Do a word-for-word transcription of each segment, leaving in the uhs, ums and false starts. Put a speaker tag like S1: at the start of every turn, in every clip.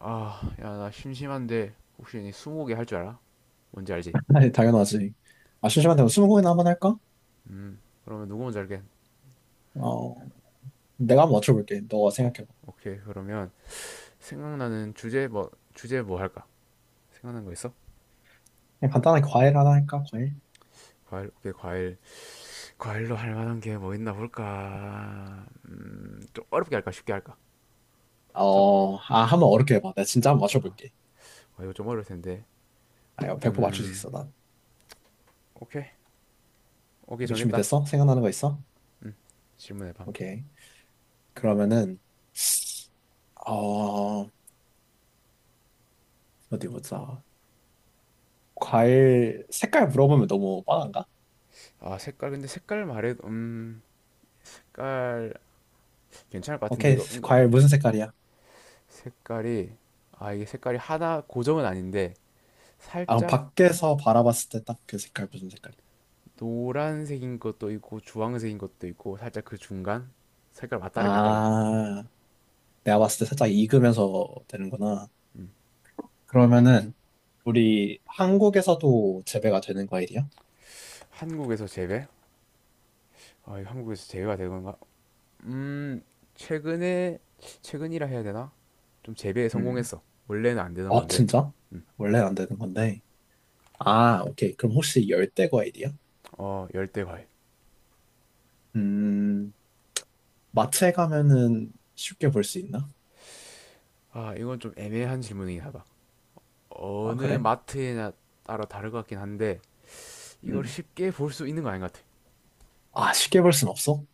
S1: 아, 야, 나 심심한데 혹시 니 스무고개 할 줄 알아? 뭔지 알지?
S2: 아니, 당연하지. 아,
S1: 스무.
S2: 심심한데 뭐 스무고개나 한번 할까?
S1: 음, 그러면 누구 먼저 할게?
S2: 어, 내가 한번 맞춰볼게. 너가
S1: 어,
S2: 생각해봐.
S1: 오케이. 그러면 생각나는 주제 뭐 주제 뭐 할까? 생각난 거 있어?
S2: 그냥 간단하게 과일 하나 할까? 과일?
S1: 과일, 오케이, 과일. 과일로 할 만한 게 뭐 있나 볼까? 음, 좀 어렵게 할까? 쉽게 할까? 첫,
S2: 어, 아, 한번 어렵게 해봐. 내가 진짜 한번
S1: 아,
S2: 맞춰볼게.
S1: 아, 이거 좀 어려울 텐데.
S2: 아, 이거 백 퍼센트 맞출 수
S1: 음,
S2: 있어, 난.
S1: 오케이. 오케이,
S2: 이게
S1: 정했다.
S2: 준비됐어? 생각나는 거 있어?
S1: 질문해봐 한번.
S2: 오케이. 그러면은, 어, 어디 보자. 과일 색깔 물어보면 너무 뻔한가?
S1: 아, 색깔, 근데 색깔 말해. 음, 색깔 괜찮을 것 같은데
S2: 오케이.
S1: 이거 은근.
S2: 과일 무슨 색깔이야?
S1: 색깔이 아 이게 색깔이 하나 고정은 아닌데,
S2: 아, 그럼
S1: 살짝
S2: 밖에서 바라봤을 때 딱 그 색깔 무슨 색깔이야?
S1: 노란색인 것도 있고 주황색인 것도 있고 살짝 그 중간 색깔 왔다리 갔다리.
S2: 아, 내가 봤을 때 살짝 익으면서 되는구나. 그러면은 우리 한국에서도 재배가 되는 과일이야?
S1: 한국에서 재배? 아, 이거 한국에서 재배가 되는 건가? 음 최근에 최근이라 해야 되나? 좀 재배에
S2: 음.
S1: 성공했어. 원래는 안 되던
S2: 아,
S1: 건데.
S2: 진짜? 원래는 안 되는 건데. 아, 오케이. 그럼 혹시 열대 과일이야?
S1: 어, 열대 과일.
S2: 음, 마트에 가면은 쉽게 볼 수 있나?
S1: 아, 이건 좀 애매한 질문이긴 하다.
S2: 아,
S1: 어느
S2: 그래?
S1: 마트에나 따라 다를 것 같긴 한데, 이걸
S2: 음.
S1: 쉽게 볼 수 있는 거 아닌 것 같아.
S2: 아, 쉽게 볼 순 없어?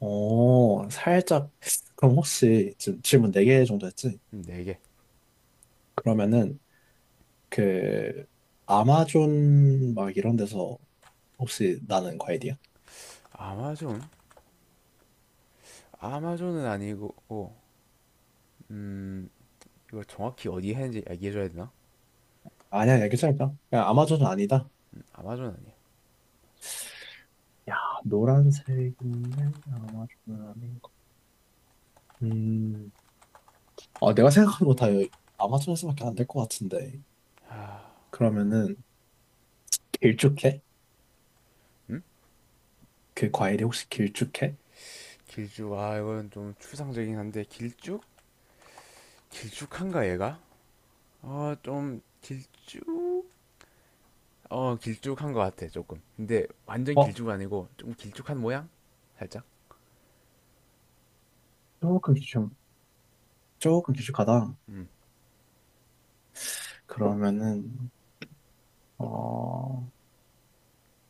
S2: 어, 살짝. 그럼 혹시 지금 질문 네 개 정도 했지?
S1: 음, 네 개.
S2: 그러면은 그 아마존 막 이런 데서 혹시 나는 과일이야?
S1: 아마존 아마존은 아니고. 음 이걸 정확히 어디 했는지 얘기해줘야 되나?
S2: 아니야, 아니야, 괜찮을까? 그냥 아마존은 아니다.
S1: 음, 아마존 아니야.
S2: 야, 노란색인데 아마존은 아닌 거. 음, 아, 내가 생각한 거 다 여기 아마존에서밖에 안 될 것 같은데. 그러면은 길쭉해? 그 과일이 혹시 길쭉해?
S1: 길쭉 아 이건 좀 추상적이긴 한데, 길쭉? 길쭉한가 얘가? 아, 좀 길쭉? 어, 길쭉한 것 같아 조금. 근데 완전
S2: 어,
S1: 길쭉은 아니고 좀 길쭉한 모양? 살짝?
S2: 조금 길쭉, 조금 길쭉하다. 그러면은 어,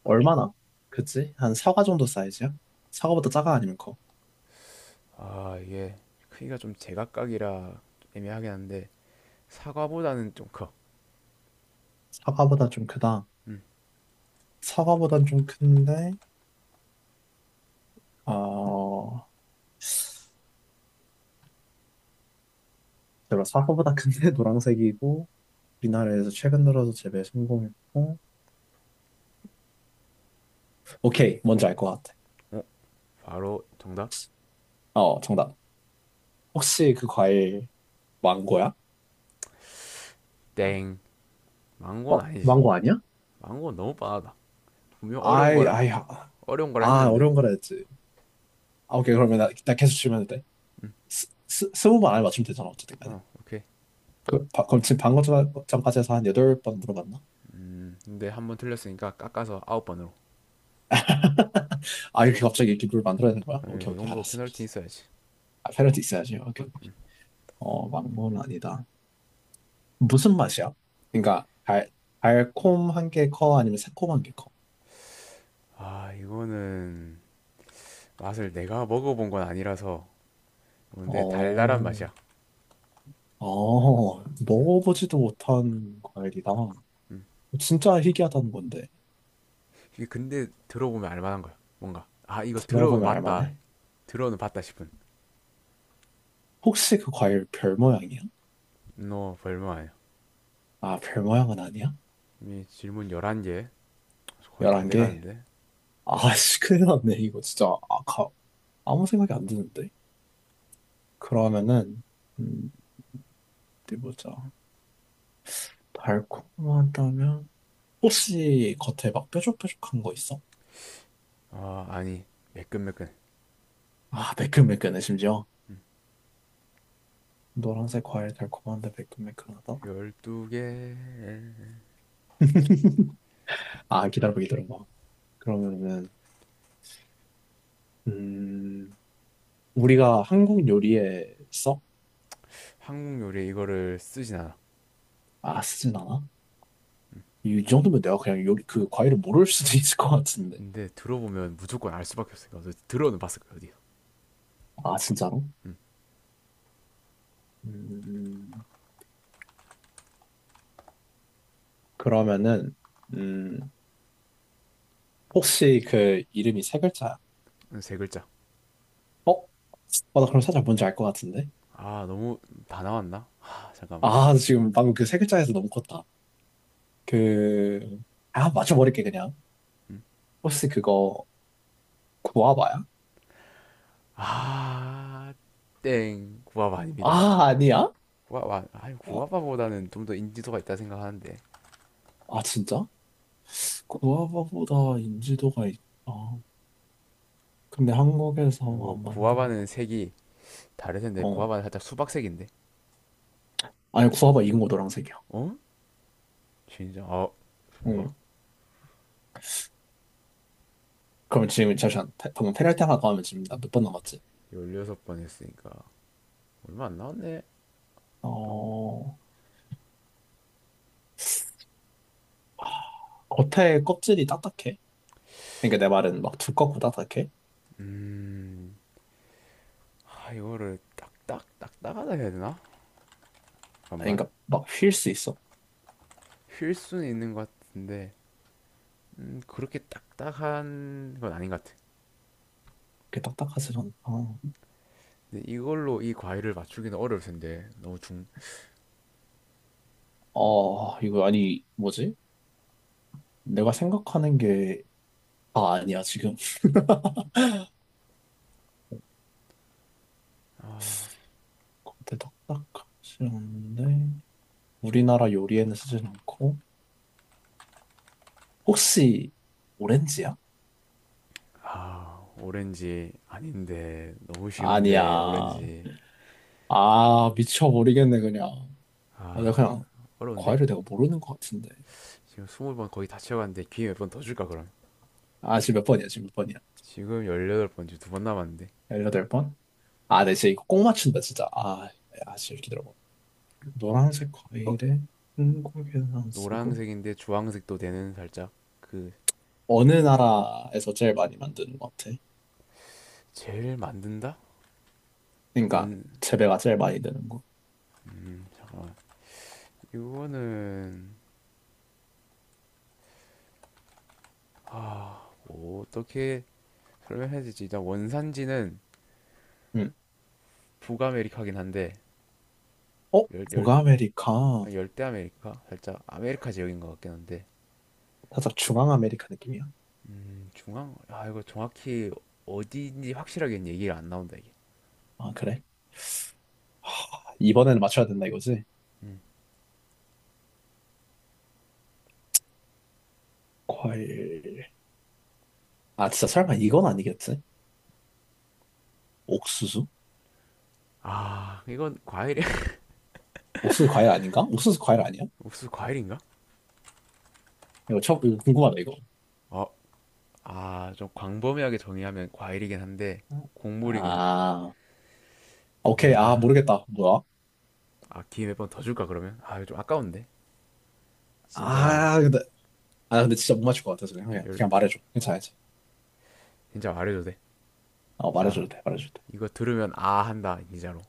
S2: 얼마나? 그치? 한 사과 정도 사이즈야? 사과보다 작아 아니면 커?
S1: 음아 이게 크기가 좀 제각각이라 애매하긴 한데, 사과보다는 좀 커.
S2: 사과보다 좀 크다. 사과보단 좀 큰데, 어, 제가 사과보다 큰데 노란색이고 우리나라에서 최근 들어서 재배 성공했고. 오케이, 뭔지 알 것 같아.
S1: 어? 바로 정답?
S2: 어, 정답. 혹시 그 과일 망고야?
S1: 땡,
S2: 어,
S1: 망고는 아니지.
S2: 망고 아니야?
S1: 망고는 너무 뻔하다. 분명 어려운
S2: 아이,
S1: 거라
S2: 아이, 아,
S1: 어려운 거라
S2: 아,
S1: 했는데.
S2: 어려운 거라 했지. 아, 오케이, 그러면 나, 나 계속 질문해도 돼. 스, 스, 스무 번 안에 맞추면 되잖아, 어쨌든 간에.
S1: 어, 오케이.
S2: 그, 바, 그럼 지금 방금 전- 전까지 해서 한 여덟 번 물어봤나?
S1: 음, 근데 한 번 틀렸으니까 깎아서 아홉 번으로.
S2: 아, 이렇게 갑자기 이렇게 룰 만들어야 되는 거야?
S1: 아니,
S2: 오케이,
S1: 그
S2: 오케이,
S1: 정도
S2: 알았어,
S1: 페널티
S2: 알았어.
S1: 있어야지.
S2: 아, 페널티 있어야지, 오케이. 오케이. 어, 망고는 아니다. 무슨 맛이야? 그러니까, 달, 달콤한 게 커? 아니면 새콤한 게 커?
S1: 아, 이거는 맛을 내가 먹어본 건 아니라서. 근데 달달한
S2: 어,
S1: 맛이야.
S2: 아, 먹어보지도 못한 과일이다. 진짜 희귀하다는 건데.
S1: 이게 근데 들어보면 알만한 거야. 뭔가, 아, 이거 들어는
S2: 들어보면
S1: 맞다.
S2: 알만해?
S1: 들어는 봤다 싶은.
S2: 혹시 그 과일 별 모양이야?
S1: 너 별말 아니야.
S2: 아, 별 모양은 아니야?
S1: 이 질문 열한 개 거의 다
S2: 열한 개?
S1: 돼가는데.
S2: 아씨, 큰일 났네. 이거 진짜 아, 가, 아무 생각이 안 드는데. 그러면은, 음, 어디 보자. 달콤하다면? 혹시 겉에 막 뾰족뾰족한 거 있어?
S1: 아, 아니, 매끈매끈.
S2: 아, 매끈매끈해, 심지어. 노란색 과일 달콤한데 매끈매끈하다?
S1: 열두 개.
S2: 아, 기다려봐, 기다려봐. 그러면은, 음, 우리가 한국 요리에 썩
S1: 한국 요리에 이거를 쓰진 않아.
S2: 맛진 않아? 이 정도면 내가 그냥 요리 그 과일을 모를 수도 있을 것 같은데.
S1: 근데 들어보면 무조건 알 수밖에 없으니까 어디- 들어는 봤을 거야 어디.
S2: 아, 진짜로? 음, 그러면은 음, 혹시 그 이름이 세 글자야?
S1: 세 글자.
S2: 어? 어, 나 그럼 살짝 뭔지 알 것 같은데?
S1: 아, 너무. 다 나왔나? 아, 잠깐만.
S2: 아, 지금 방금 그 세 글자에서 너무 컸다. 그, 아, 맞춰버릴게, 그냥. 혹시 그거, 구아바야?
S1: 아땡, 구아바 아닙니다.
S2: 아, 아니야?
S1: 구아바, 아니,
S2: 아,
S1: 구아바보다는 좀 더 인지도가 있다 생각하는데.
S2: 아, 진짜? 구아바보다 인지도가 있, 아, 근데 한국에서
S1: 그리고
S2: 안 만든다.
S1: 구아바는 색이 다를 텐데,
S2: 어,
S1: 구아바는 살짝 수박색인데.
S2: 아니, 구아바 이긴 거 노란색이야.
S1: 어? 진짜, 아, 뭐가?
S2: 응. 그럼 지금, 잠시만. 페- 방금 페널티 하나 가하면 지금 나 몇 번 남았지?
S1: 열여섯 번 했으니까 얼마 안 나왔네. 하고.
S2: 어, 아, 겉에 껍질이 딱딱해. 그러니까 내 말은 막 두껍고 딱딱해.
S1: 아, 이거를 딱딱딱딱하다 해야 되나?
S2: 아니,
S1: 잠깐만.
S2: 그러니까 막 휠 수 있어.
S1: 휠 수는 있는 것 같은데. 음, 그렇게 딱딱한 건 아닌 것 같아.
S2: 그게 딱딱하지 않다.
S1: 근데 이걸로 이 과일을 맞추기는 어려울 텐데 너무 중...
S2: 어, 이거 아니, 뭐지? 내가 생각하는 게 다 아니야, 지금. 겉에 딱딱하지 않은데, 우리나라 요리에는 쓰진 않고, 혹시 오렌지야?
S1: 아, 오렌지 아닌데 너무 쉬운데
S2: 아니야.
S1: 오렌지.
S2: 아, 미쳐버리겠네, 그냥. 아, 내가 그냥
S1: 어려운데.
S2: 과외를 내가 모르는 것 같은데.
S1: 지금 스무 번 거의 다 채워갔는데 기회 몇 번 더 줄까 그럼?
S2: 아, 지금 몇 번이야? 지금 몇 번이야?
S1: 지금 열여덟 번째, 두 번 남았는데.
S2: 십팔 번? 아, 나 진짜 이거 꼭 맞춘다, 진짜. 아, 아, 진짜 기다려봐. 노란색 과일에 한국에 안 쓰고
S1: 노란색인데 주황색도 되는 살짝 그.
S2: 어느 나라에서 제일 많이 만드는 것 같아?
S1: 젤 만든다?
S2: 그러니까
S1: 원...
S2: 재배가 제일 많이 되는 거.
S1: 음, 잠깐만. 이거는... 아... 뭐, 어떻게 설명해야 되지? 일단 원산지는
S2: 응.
S1: 북아메리카긴 한데,
S2: 어?
S1: 열,
S2: 북아메리카.
S1: 아, 열대 아메리카. 살짝 아메리카 지역인 것 같긴 한데.
S2: 살짝 중앙아메리카 느낌이야.
S1: 음, 중앙 아 이거 정확히 어디인지 확실하게는 얘기가 안 나온다 이게.
S2: 아, 그래? 아, 이번에는 맞춰야 된다 이거지? 과일. 아, 진짜 설마 이건 아니겠지? 옥수수?
S1: 아, 이건 과일이
S2: 옥수수 과일 아닌가? 옥수수 과일 아니야?
S1: 옥수수 과일인가?
S2: 이거 처음, 이거 궁금하다, 이거.
S1: 어아좀 광범위하게 정의하면 과일이긴 한데 곡물이긴
S2: 아,
S1: 한데.
S2: 오케이. 아,
S1: 아,
S2: 모르겠다. 뭐야?
S1: 아, 기회 몇 번 더 줄까 그러면. 아, 이거 좀 아까운데 진짜.
S2: 아, 근데, 아, 근데 진짜 못 맞출 것 같아서
S1: 네,
S2: 그냥, 그냥
S1: 열대.
S2: 말해줘. 괜찮아, 괜찮아.
S1: 진짜 말해도 돼.
S2: 어,
S1: 자,
S2: 말해줘도 돼, 말해줘도 돼.
S1: 이거 들으면 아 한다 진짜로.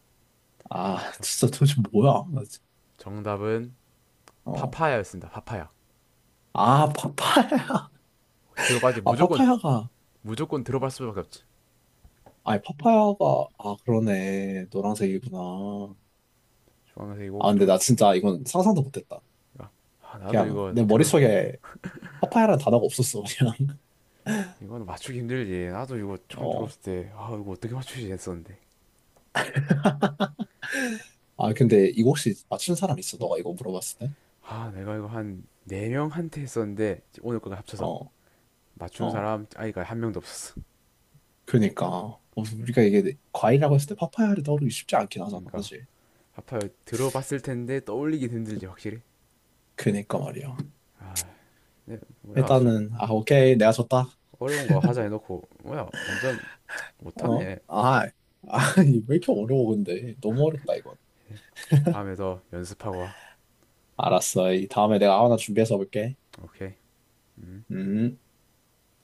S2: 아,
S1: 저,
S2: 진짜 도대체 뭐야? 나 진짜-
S1: 정답은
S2: 어.
S1: 파파야였습니다. 파파야
S2: 아, 파파야.
S1: 들어봐야지
S2: 아,
S1: 무조건.
S2: 파파야가.
S1: 무조건 들어볼 수밖에 없지.
S2: 아니, 파파야가. 아, 그러네. 노란색이구나.
S1: 좋아하면서 이거
S2: 아, 근데
S1: 좀.
S2: 나 진짜 이건 상상도 못했다.
S1: 아, 나도
S2: 그냥
S1: 이거
S2: 내
S1: 들었.
S2: 머릿속에 파파야라는 단어가 없었어, 그냥.
S1: 이거 맞추기 힘들지. 나도 이거 처음
S2: 어.
S1: 들었을 때 아 이거 어떻게 맞추지 했었는데.
S2: 아, 근데 이거 혹시 맞춘 사람 있어? 너가 이거 물어봤을 때?
S1: 아, 내가 이거 한 네명한테 했었는데 오늘 거가 합쳐서
S2: 어,
S1: 맞춘
S2: 어.
S1: 사람 아이가 한 명도 없었어.
S2: 그니까 어, 우리가 이게 과일이라고 했을 때 파파야를 떠오르기 쉽지 않긴 하잖아
S1: 그러니까
S2: 사실
S1: 아파요 들어봤을 텐데. 떠올리기 힘들지 확실히.
S2: 그니까 말이야
S1: 네, 뭐야 수,
S2: 일단은 아 오케이 내가 졌다
S1: 어려운 거 하자 해놓고. 뭐야, 완전
S2: 어?
S1: 못하네.
S2: 아 아니 왜 이렇게 어려워 근데 너무 어렵다 이건
S1: 다음에 더 연습하고 와.
S2: 알았어 이 다음에 내가 하나 준비해서 볼게
S1: 오케이. 음
S2: 음